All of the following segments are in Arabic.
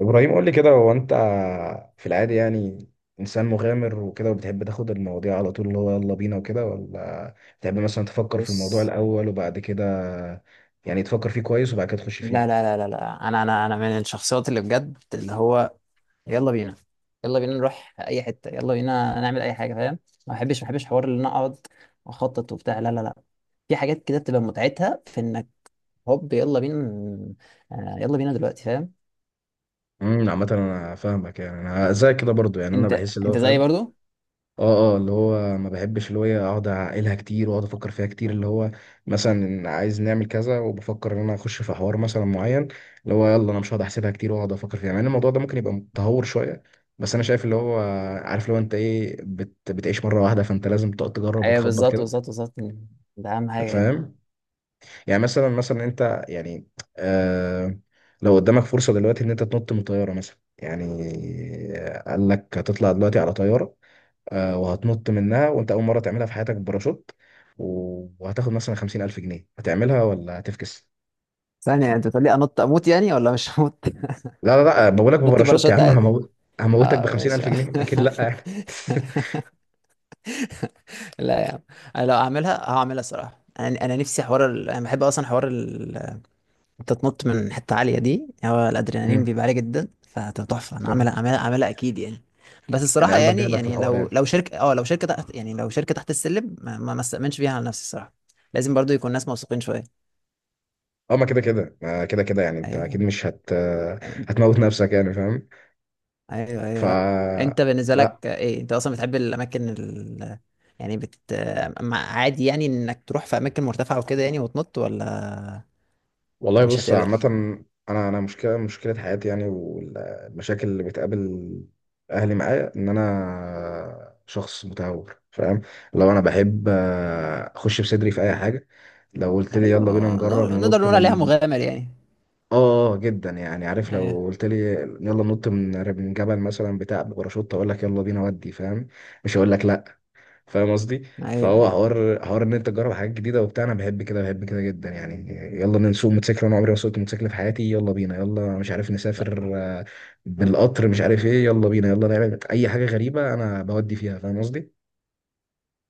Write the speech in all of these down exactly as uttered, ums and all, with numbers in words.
ابراهيم، قول لي كده، هو انت في العادي يعني انسان مغامر وكده، وبتحب تاخد المواضيع على طول اللي هو يلا بينا وكده، ولا بتحب مثلا تفكر في الموضوع بص، الاول وبعد كده يعني تفكر فيه كويس وبعد كده تخش لا فيه؟ لا لا لا لا، انا انا انا من الشخصيات اللي بجد اللي هو يلا بينا، يلا بينا نروح اي حته، يلا بينا نعمل اي حاجه، فاهم؟ ما بحبش ما بحبش حوار ان انا اقعد واخطط وبتاع، لا لا لا. في حاجات كده بتبقى متعتها في انك هوب يلا بينا ن- آه، يلا بينا دلوقتي، فاهم؟ امم عامه انا فاهمك يعني، انا زي كده برضو يعني، انا انت بحس اللي هو انت زيي فاهم. برضو. اه اه اللي هو ما بحبش اللي هو إيه اقعد اعقلها كتير واقعد افكر فيها كتير، اللي هو مثلا عايز نعمل كذا وبفكر ان انا اخش في حوار مثلا معين، اللي هو يلا انا مش هقعد احسبها كتير واقعد افكر فيها، مع ان الموضوع ده ممكن يبقى متهور شويه. بس انا شايف اللي هو، عارف، لو انت ايه بت بتعيش مره واحده فانت لازم تقعد تجرب ايوه وتخبط بالظبط بالظبط كده. بالظبط، ده اهم حاجه يعني. فاهم؟ يعني مثلا مثلا انت يعني آه لو قدامك فرصه دلوقتي ان انت تنط من طياره مثلا، يعني قال لك هتطلع دلوقتي على طياره، آه، وهتنط منها وانت اول مره تعملها في حياتك بباراشوت، و- وهتاخد مثلا خمسين الف جنيه، هتعملها ولا هتفكس؟ ثانية، انت بتقول لي انط اموت يعني ولا مش هموت؟ لا لا لا، بقولك انط بباراشوت يا باراشوت عم، عادي. هموت. هموتك ب اه ماشي. خمسين الف جنيه؟ اكيد لا يعني. لا يا عم، انا لو هعملها هعملها الصراحه. انا انا نفسي حوار ال... انا بحب اصلا حوار ال... انت تنط من حته عاليه، دي هو الادرينالين امم بيبقى عالي جدا فتبقى تحفه، انا فاهم. عاملها عاملها عاملها اكيد يعني. بس يعني الصراحه قلبك يعني، جايبك في يعني الحوار لو يعني. لو شركه، اه لو شركه تحت، يعني لو شركه تحت السلم ما ما ما استأمنش فيها على نفسي الصراحه. لازم برضو يكون ناس موثوقين شويه. اه، ما كده كده، ما كده كده يعني، انت ايوه اكيد مش هت هتموت نفسك يعني، فاهم؟ ايوه ف ايوه، لا. انت بالنسبه لا لك ايه، انت اصلا بتحب الاماكن ال... يعني بت مع- عادي يعني انك تروح في اماكن مرتفعه وكده، يعني وتنط ولا والله، مش بص هتقبل؟ عامة، أنا أنا مشكلة مشكلة حياتي يعني، والمشاكل اللي بتقابل أهلي معايا إن أنا شخص متهور، فاهم. لو أنا بحب آه، أخش بصدري في أي حاجة. لو قلت لي حلو. يلا بينا نجرب نور- نقدر ننط نقول عليها من، مغامر يعني. آه آه، آه، جدا يعني. عارف ايوه لو قلت لي يلا ننط من من جبل مثلا بتاع بباراشوت، أقول لك يلا بينا، ودي فاهم. مش هقول لك لأ. فاهم قصدي. ايوه فهو ايوه. حوار حوار ان انت تجرب حاجات جديده وبتاع، انا بحب كده بحب كده جدا يعني. يلا نسوق موتوسيكل، انا عمري ما سوقت موتوسيكل في حياتي، يلا بينا. يلا مش عارف ط- نسافر آه، بالقطر، مش عارف ايه، يلا بينا يلا نعمل اي حاجه غريبه انا بودي فيها، فاهم قصدي.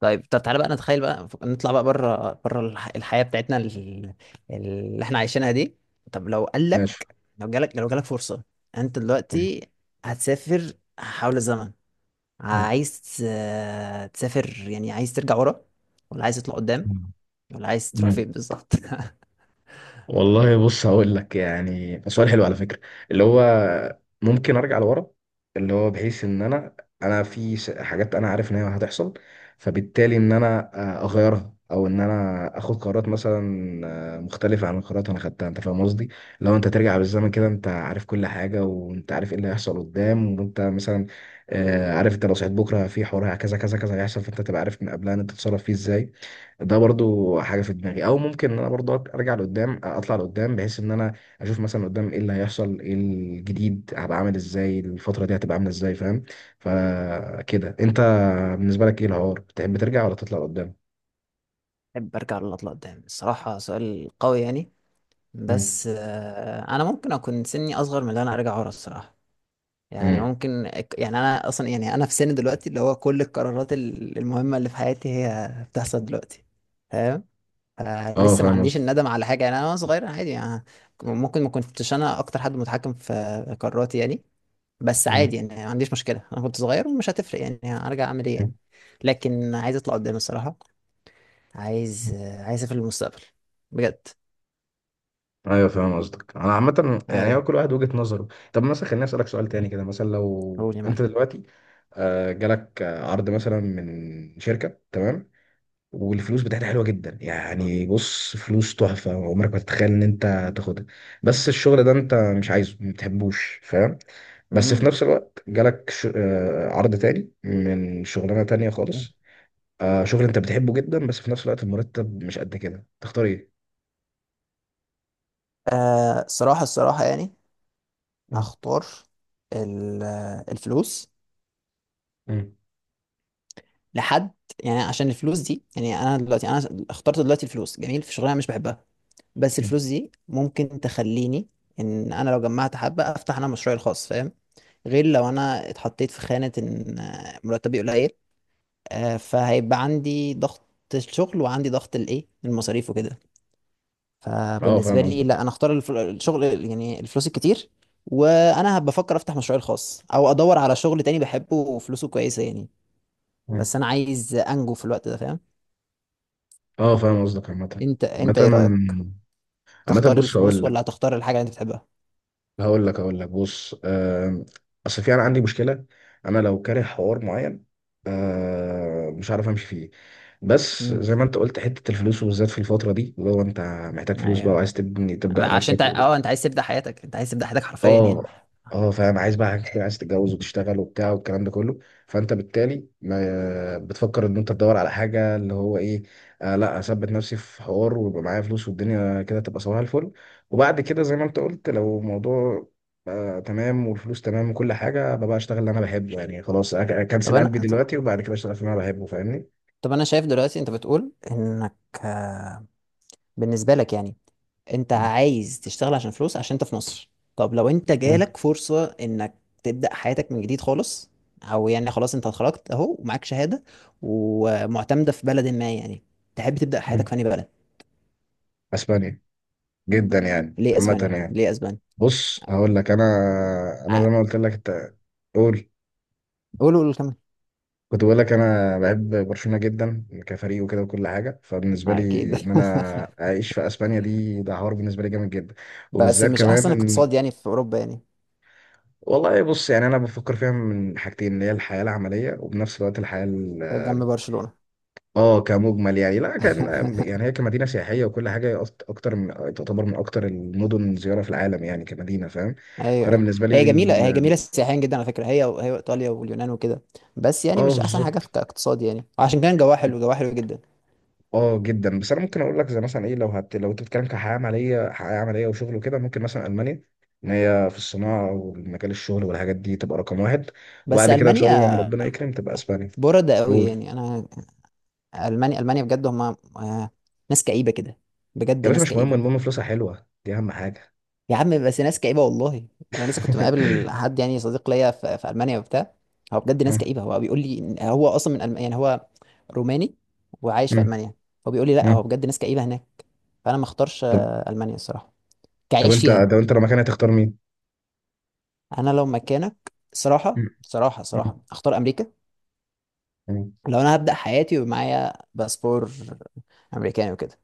طيب، طب تعالى بقى نتخيل بقى ف- نطلع بقى بره بره الح- الحياة بتاعتنا ال- اللي احنا عايشينها دي. طب لو قال ماشي. لك، لو جالك لو جالك فرصة انت مم. دلوقتي هتسافر حول الزمن، عايز آه، تسافر يعني، عايز ترجع ورا ولا عايز تطلع قدام، مم. ولا عايز تروح فين مم. بالظبط؟ والله بص، هقول لك يعني، سؤال حلو على فكرة. اللي هو ممكن ارجع لورا، اللي هو بحيث ان انا، انا في س- حاجات انا عارف ان هي هتحصل، فبالتالي ان انا آه، اغيرها او ان انا اخد قرارات مثلا آه، مختلفة عن القرارات انا خدتها، انت فاهم قصدي. لو انت ترجع بالزمن كده انت عارف كل حاجة وانت عارف ايه اللي هيحصل قدام، وانت مثلا آه، عارف انت لو صحيت بكرة في حوار كذا كذا كذا هيحصل، فانت تبقى عارف من قبلها ان انت تتصرف فيه ازاي. ده برضو حاجه في دماغي. او ممكن ان انا برضو أك- ارجع لقدام، اطلع لقدام بحيث ان انا اشوف مثلا قدام ايه اللي هيحصل، ايه الجديد، هبقى عامل ازاي، الفتره دي هتبقى عامله ازاي، فاهم. فكده انت بالنسبه لك ايه الحوار، تحب ترجع ولا تطلع لقدام؟ احب ارجع ولا اطلع قدام؟ الصراحة سؤال قوي يعني. مم. بس آه، انا ممكن اكون سني اصغر من اللي انا ارجع ورا الصراحة. يعني مم. ممكن. يعني انا اصلا يعني انا في سن دلوقتي اللي هو كل القرارات ال- المهمه اللي في حياتي هي بتحصل دلوقتي، فاهم؟ آه، اه لسه ما فاهم عنديش قصدك. الندم على حاجه يعني. انا وأنا صغير عادي يعني، ممكن ما كنتش انا اكتر حد متحكم في قراراتي يعني. بس مم. عادي يعني، ما عنديش مشكله، انا كنت صغير ومش هتفرق يعني هرجع اعمل ايه يعني. لكن عايز اطلع قدام الصراحه، عايز آه، عايز اسافر المستقبل بجد. ايوه فاهم قصدك. انا عامه يعني هو ايوه. كل واحد وجهة نظره. طب مثلا خليني اسالك سؤال تاني كده. مثلا لو قول يا معلم. انت دلوقتي آه، جالك آه، عرض مثلا من شركه، تمام، والفلوس بتاعتها حلوه جدا يعني، بص فلوس تحفه، عمرك ما تتخيل ان انت تاخدها، بس الشغل ده انت مش عايزه، ما بتحبوش، فاهم. بس في امم. نفس الوقت جالك ش... آه، عرض تاني من شغلانه تانيه خالص، آه، شغل انت بتحبه جدا، بس في نفس الوقت المرتب مش قد كده. تختار ايه؟ آه صراحه، الصراحه يعني مم. هختار ال- الفلوس مم. لحد. يعني عشان الفلوس دي يعني، انا دلوقتي انا اخترت دلوقتي الفلوس، جميل، في شغلانه أنا مش بحبها، بس مم. الفلوس دي ممكن تخليني ان انا لو جمعت حبه افتح انا مشروعي الخاص، فاهم؟ غير لو انا اتحطيت في خانه ان آه، مرتبي قليل، آه، فهيبقى عندي ضغط الشغل وعندي ضغط الايه المصاريف وكده. اه فبالنسبه فاهم لي لا، قصدك. انا اختار الف- الشغل، يعني الفلوس الكتير، وانا هبقى افكر افتح مشروعي الخاص او ادور على شغل تاني بحبه وفلوسه كويسه يعني. مم. بس انا عايز انجو في الوقت ده، فاهم؟ اه فاهم قصدك. عامه، انت انت ايه رايك، عامه عامه تختار بص هقول الفلوس لك، ولا هتختار الحاجه اللي انت بتحبها؟ هقول لك هقول لك بص، آه، اصل في انا عندي مشكله، انا لو كاره حوار معين آه، مش عارف امشي فيه. بس امم. زي ما انت قلت، حته الفلوس وبالذات في الفتره دي، اللي هو انت محتاج فلوس بقى ايوه، وعايز تبني تبدا عشان نفسك. انت اه انت عايز تبدا حياتك، انت عايز تبدا حياتك حرفيا اه يعني. اه فاهم، عايز بقى حاجة كتير، عايز تتجوز وتشتغل وبتاع والكلام ده كله. فانت بالتالي ما بتفكر ان انت تدور على حاجه اللي هو ايه. آه لا، اثبت نفسي في حوار ويبقى معايا فلوس والدنيا كده تبقى صباح الفل. وبعد كده زي ما انت قلت، لو الموضوع آه تمام والفلوس تمام وكل حاجه، ببقى اشتغل اللي انا بحبه يعني، خلاص أك- طب اكنسل انا، قلبي دلوقتي وبعد كده اشتغل في اللي انا بحبه، فاهمني. طب انا شايف دلوقتي انت بتقول انك آه، بالنسبه لك يعني انت مم. عايز تشتغل عشان فلوس عشان انت في مصر. طب لو انت مم. جالك فرصة انك تبدأ حياتك من جديد خالص، او يعني خلاص انت اتخرجت اهو ومعاك شهادة ومعتمدة في بلد ما يعني، تحب تبدأ مم. حياتك في انهي بلد؟ اسبانيا، جدا يعني، ليه عامه اسبانيا؟ يعني. ليه اسبانيا؟ بص هقول لك، انا انا ع- زي ما قلت لك انت. قول. قولوا قولوا كمان. كنت بقول لك انا بحب برشلونه جدا كفريق وكده وكل حاجه، فبالنسبه لي اكيد. ان انا اعيش في اسبانيا دي، ده حوار بالنسبه لي جامد جدا. بس وبالذات مم مش كمان، احسن اقتصاد إن- يعني في اوروبا يعني والله بص، يعني انا بفكر فيها من حاجتين، اللي هي الحياه العمليه، وبنفس الوقت الحياه ال- جنب برشلونة؟ اه كمجمل يعني، لا كان يعني هي كمدينه سياحيه وكل حاجه، هي أكت- اكتر من، تعتبر من اكتر المدن زياره في العالم يعني كمدينه، فاهم. ايوه فانا ايوه، بالنسبه هي لي جميله، هي ال- جميله سياحيا جدا على فكره، هي هي ايطاليا واليونان وكده. بس يعني اه مش احسن حاجه في بالظبط، كاقتصاد يعني، عشان كان جواها حلو، جواها حلو جدا. اه جدا. بس انا ممكن اقول لك زي مثلا ايه، لو هت... لو انت بتتكلم كحياه عمليه، حياه عمليه وشغل وكده، ممكن مثلا المانيا، ان هي في الصناعه ومجال الشغل والحاجات دي تبقى رقم واحد. بس وبعد كده ان شاء الله لما المانيا ربنا يكرم تبقى اسبانيا. برده قوي قول. يعني، انا المانيا المانيا بجد هم آه، ناس كئيبه كده، بجد يا باشا ناس مش مهم، كئيبه. المهم فلوسها حلوه، دي اهم حاجه. يا عم بس ناس كئيبه والله. انا لسه كنت مقابل حد يعني صديق ليا في, في المانيا وبتاع، هو بجد ناس مم. كئيبه. هو بيقول لي إن هو اصلا من ألم... يعني هو روماني وعايش في مم. المانيا. هو بيقول لي لا، مم. هو بجد ناس كئيبه هناك. فانا ما اختارش طب، آه، المانيا الصراحه طب كعيش انت، فيها. طب انت لو مكاني هتختار مين؟ انا لو مكانك صراحه مم. صراحه مم. صراحه اختار امريكا. مم. لو انا هبدا حياتي ومعايا باسبور امريكاني وكده،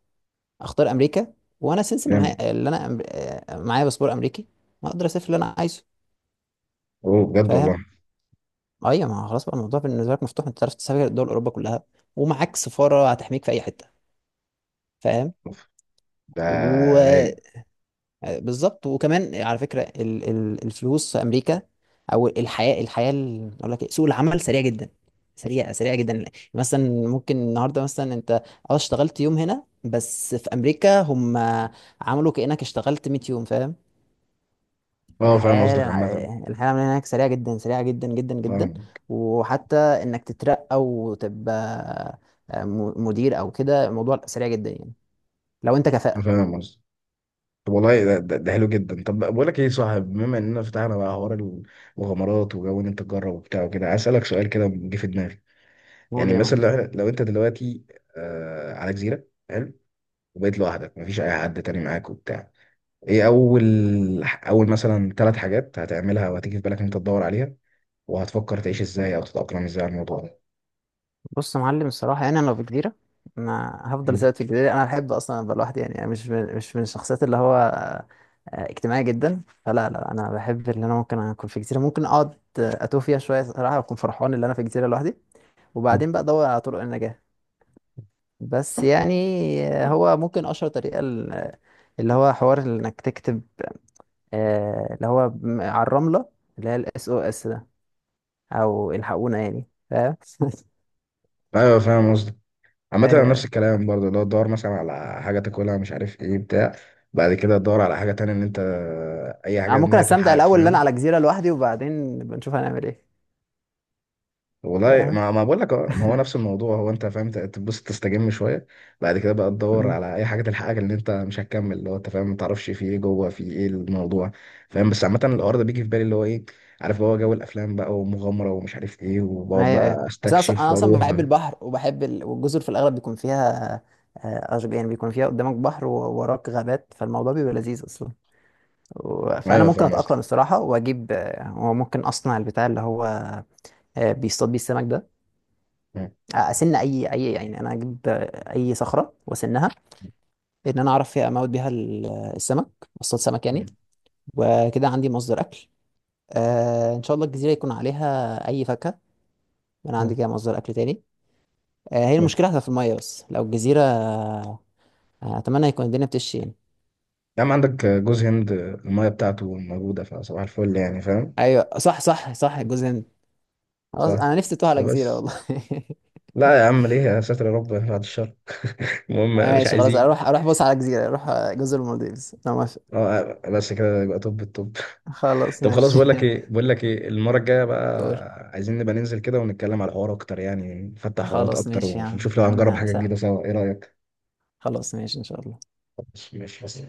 اختار امريكا. وانا سنس اللي جامد. معايا اللي انا أم- آه، معايا باسبور امريكي، ما اقدر اسافر اللي انا عايزه، اوه بجد والله. فاهم؟ ايوه، ما هو خلاص بقى الموضوع بالنسبه لك مفتوح، انت تعرف تسافر دول اوروبا كلها ومعاك سفاره هتحميك في اي حته، فاهم؟ أوف، ده رايق. وبالظبط. وكمان على فكره ال... ال... الفلوس في امريكا، او الحياه، الحياه ال... اقول لك إيه، سوق العمل سريع جدا، سريع سريع جدا. مثلا ممكن النهارده مثلا انت اه اشتغلت يوم هنا، بس في امريكا هم عملوا كانك اشتغلت مية يوم، فاهم؟ اه فاهم الحياة، قصدك. عامة، الحياة من هناك سريعة جدا، سريعة جدا جدا جدا. فاهم. وحتى انك تترقى وتبقى آه، م- مدير او كده، الموضوع سريع جدا يعني، لو انت كفاءة. فاهم قصدك. طب والله ده, ده, ده, حلو جدا. طب بقول لك ايه يا صاحب، بما اننا فتحنا بقى حوار المغامرات وجو ان انت تجرب وبتاع وكده، عايز اسالك سؤال كده جه في دماغي. قول يعني يا معلم. مثلا لو، إحنا- لو انت دلوقتي آه على جزيره، حلو، وبقيت لوحدك مفيش اي حد تاني معاك وبتاع، ايه اول، اول مثلا ثلاث حاجات هتعملها وهتيجي في بالك ان انت تدور عليها، وهتفكر تعيش ازاي او تتاقلم ازاي على الموضوع ده؟ بص يا معلم، الصراحة يعني انا لو في جزيرة، انا هفضل مم. ثابت في الجزيرة. انا احب اصلا ابقى لوحدي يعني، أنا مش من، مش من الشخصيات اللي هو آه، اجتماعي جدا. فلا لا، انا بحب ان انا ممكن اكون في جزيرة، ممكن اقعد آه، اتوه فيها شوية صراحة واكون فرحان ان انا في جزيرة لوحدي. وبعدين بقى ادور على طرق النجاة. بس يعني هو ممكن اشهر طريقه ال... اللي هو حوار انك تكتب آه، اللي هو م- على الرمله، اللي هي الاس او اس ده، او الحقونا يعني، فاهم؟ ايوه فاهم قصدك. عامة انا آه، نفس الكلام برضه، اللي هو تدور مثلا على حاجة تاكلها، مش عارف ايه بتاع. بعد كده تدور على حاجة تانية ان انت، اي انا حاجة ان ممكن هي استمتع تلحقك، الاول اللي انا فاهم. على جزيره لوحدي وبعدين بنشوف هنعمل ايه، والله فاهم؟ ما ما بقول لك أهو، ما هو نفس الموضوع، هو انت فاهم ت- تبص تستجم شوية، بعد كده بقى تدور مم. على اي حاجة تلحقك، اللي انت مش هتكمل، اللي هو انت فاهم، ما تعرفش في ايه جوه، في ايه الموضوع، فاهم. بس عامة الحوار ده بيجي في بالي اللي هو ايه، عارف اللي هو جو الافلام بقى، ومغامرة ومش عارف ايه، وبقعد ايوه ايوه، بقى بس انا اصلا، استكشف انا اصلا واروح. بحب البحر وبحب ال... والجزر في الاغلب بيكون فيها آه، أشج- يعني بيكون فيها قدامك بحر ووراك غابات، فالموضوع بيبقى لذيذ اصلا. و- فانا ايوه ممكن فاهم اتاقلم الصراحه واجيب آه، وممكن اصنع البتاع اللي هو آه، بيصطاد بيه السمك ده، آه، اسن اي اي، يعني انا اجيب آه، اي صخره واسنها ان انا اعرف فيها اموت بيها ال... السمك، اصطاد سمك يعني، وكده عندي مصدر اكل. آه، ان شاء الله الجزيره يكون عليها اي فاكهه، انا عندي قصدي. كده مصدر اكل تاني. آه، هي المشكله هتبقى في الميه، بس لو الجزيره آه، اتمنى يكون الدنيا بتشي يعني. يا عم عندك جوز هند، المية بتاعته موجودة فصباح الفل يعني، فاهم. ايوه صح صح صح الجزء ده. خلاص صح. انا نفسي اتوه على جزيره فبس والله. لا يا عم ليه، يا ساتر، يا رب بعد الشر. المهم مش ماشي خلاص، عايزين. اروح اروح بص على جزيرة، اروح آه، جزر المالديفز، انا موافق. اه بس كده يبقى، طب الطب. خلاص طب خلاص، ماشي. بقول لك ايه، بقول لك ايه، المرة الجاية قول. بقى عايزين نبقى ننزل كده ونتكلم على الحوار اكتر يعني، نفتح حوارات خلاص اكتر ماشي يا عم، ونشوف يا لو هنجرب عم حاجة جديدة سهلة. سوا. ايه رأيك؟ خلاص ماشي ان شاء الله. خلاص ماشي بس.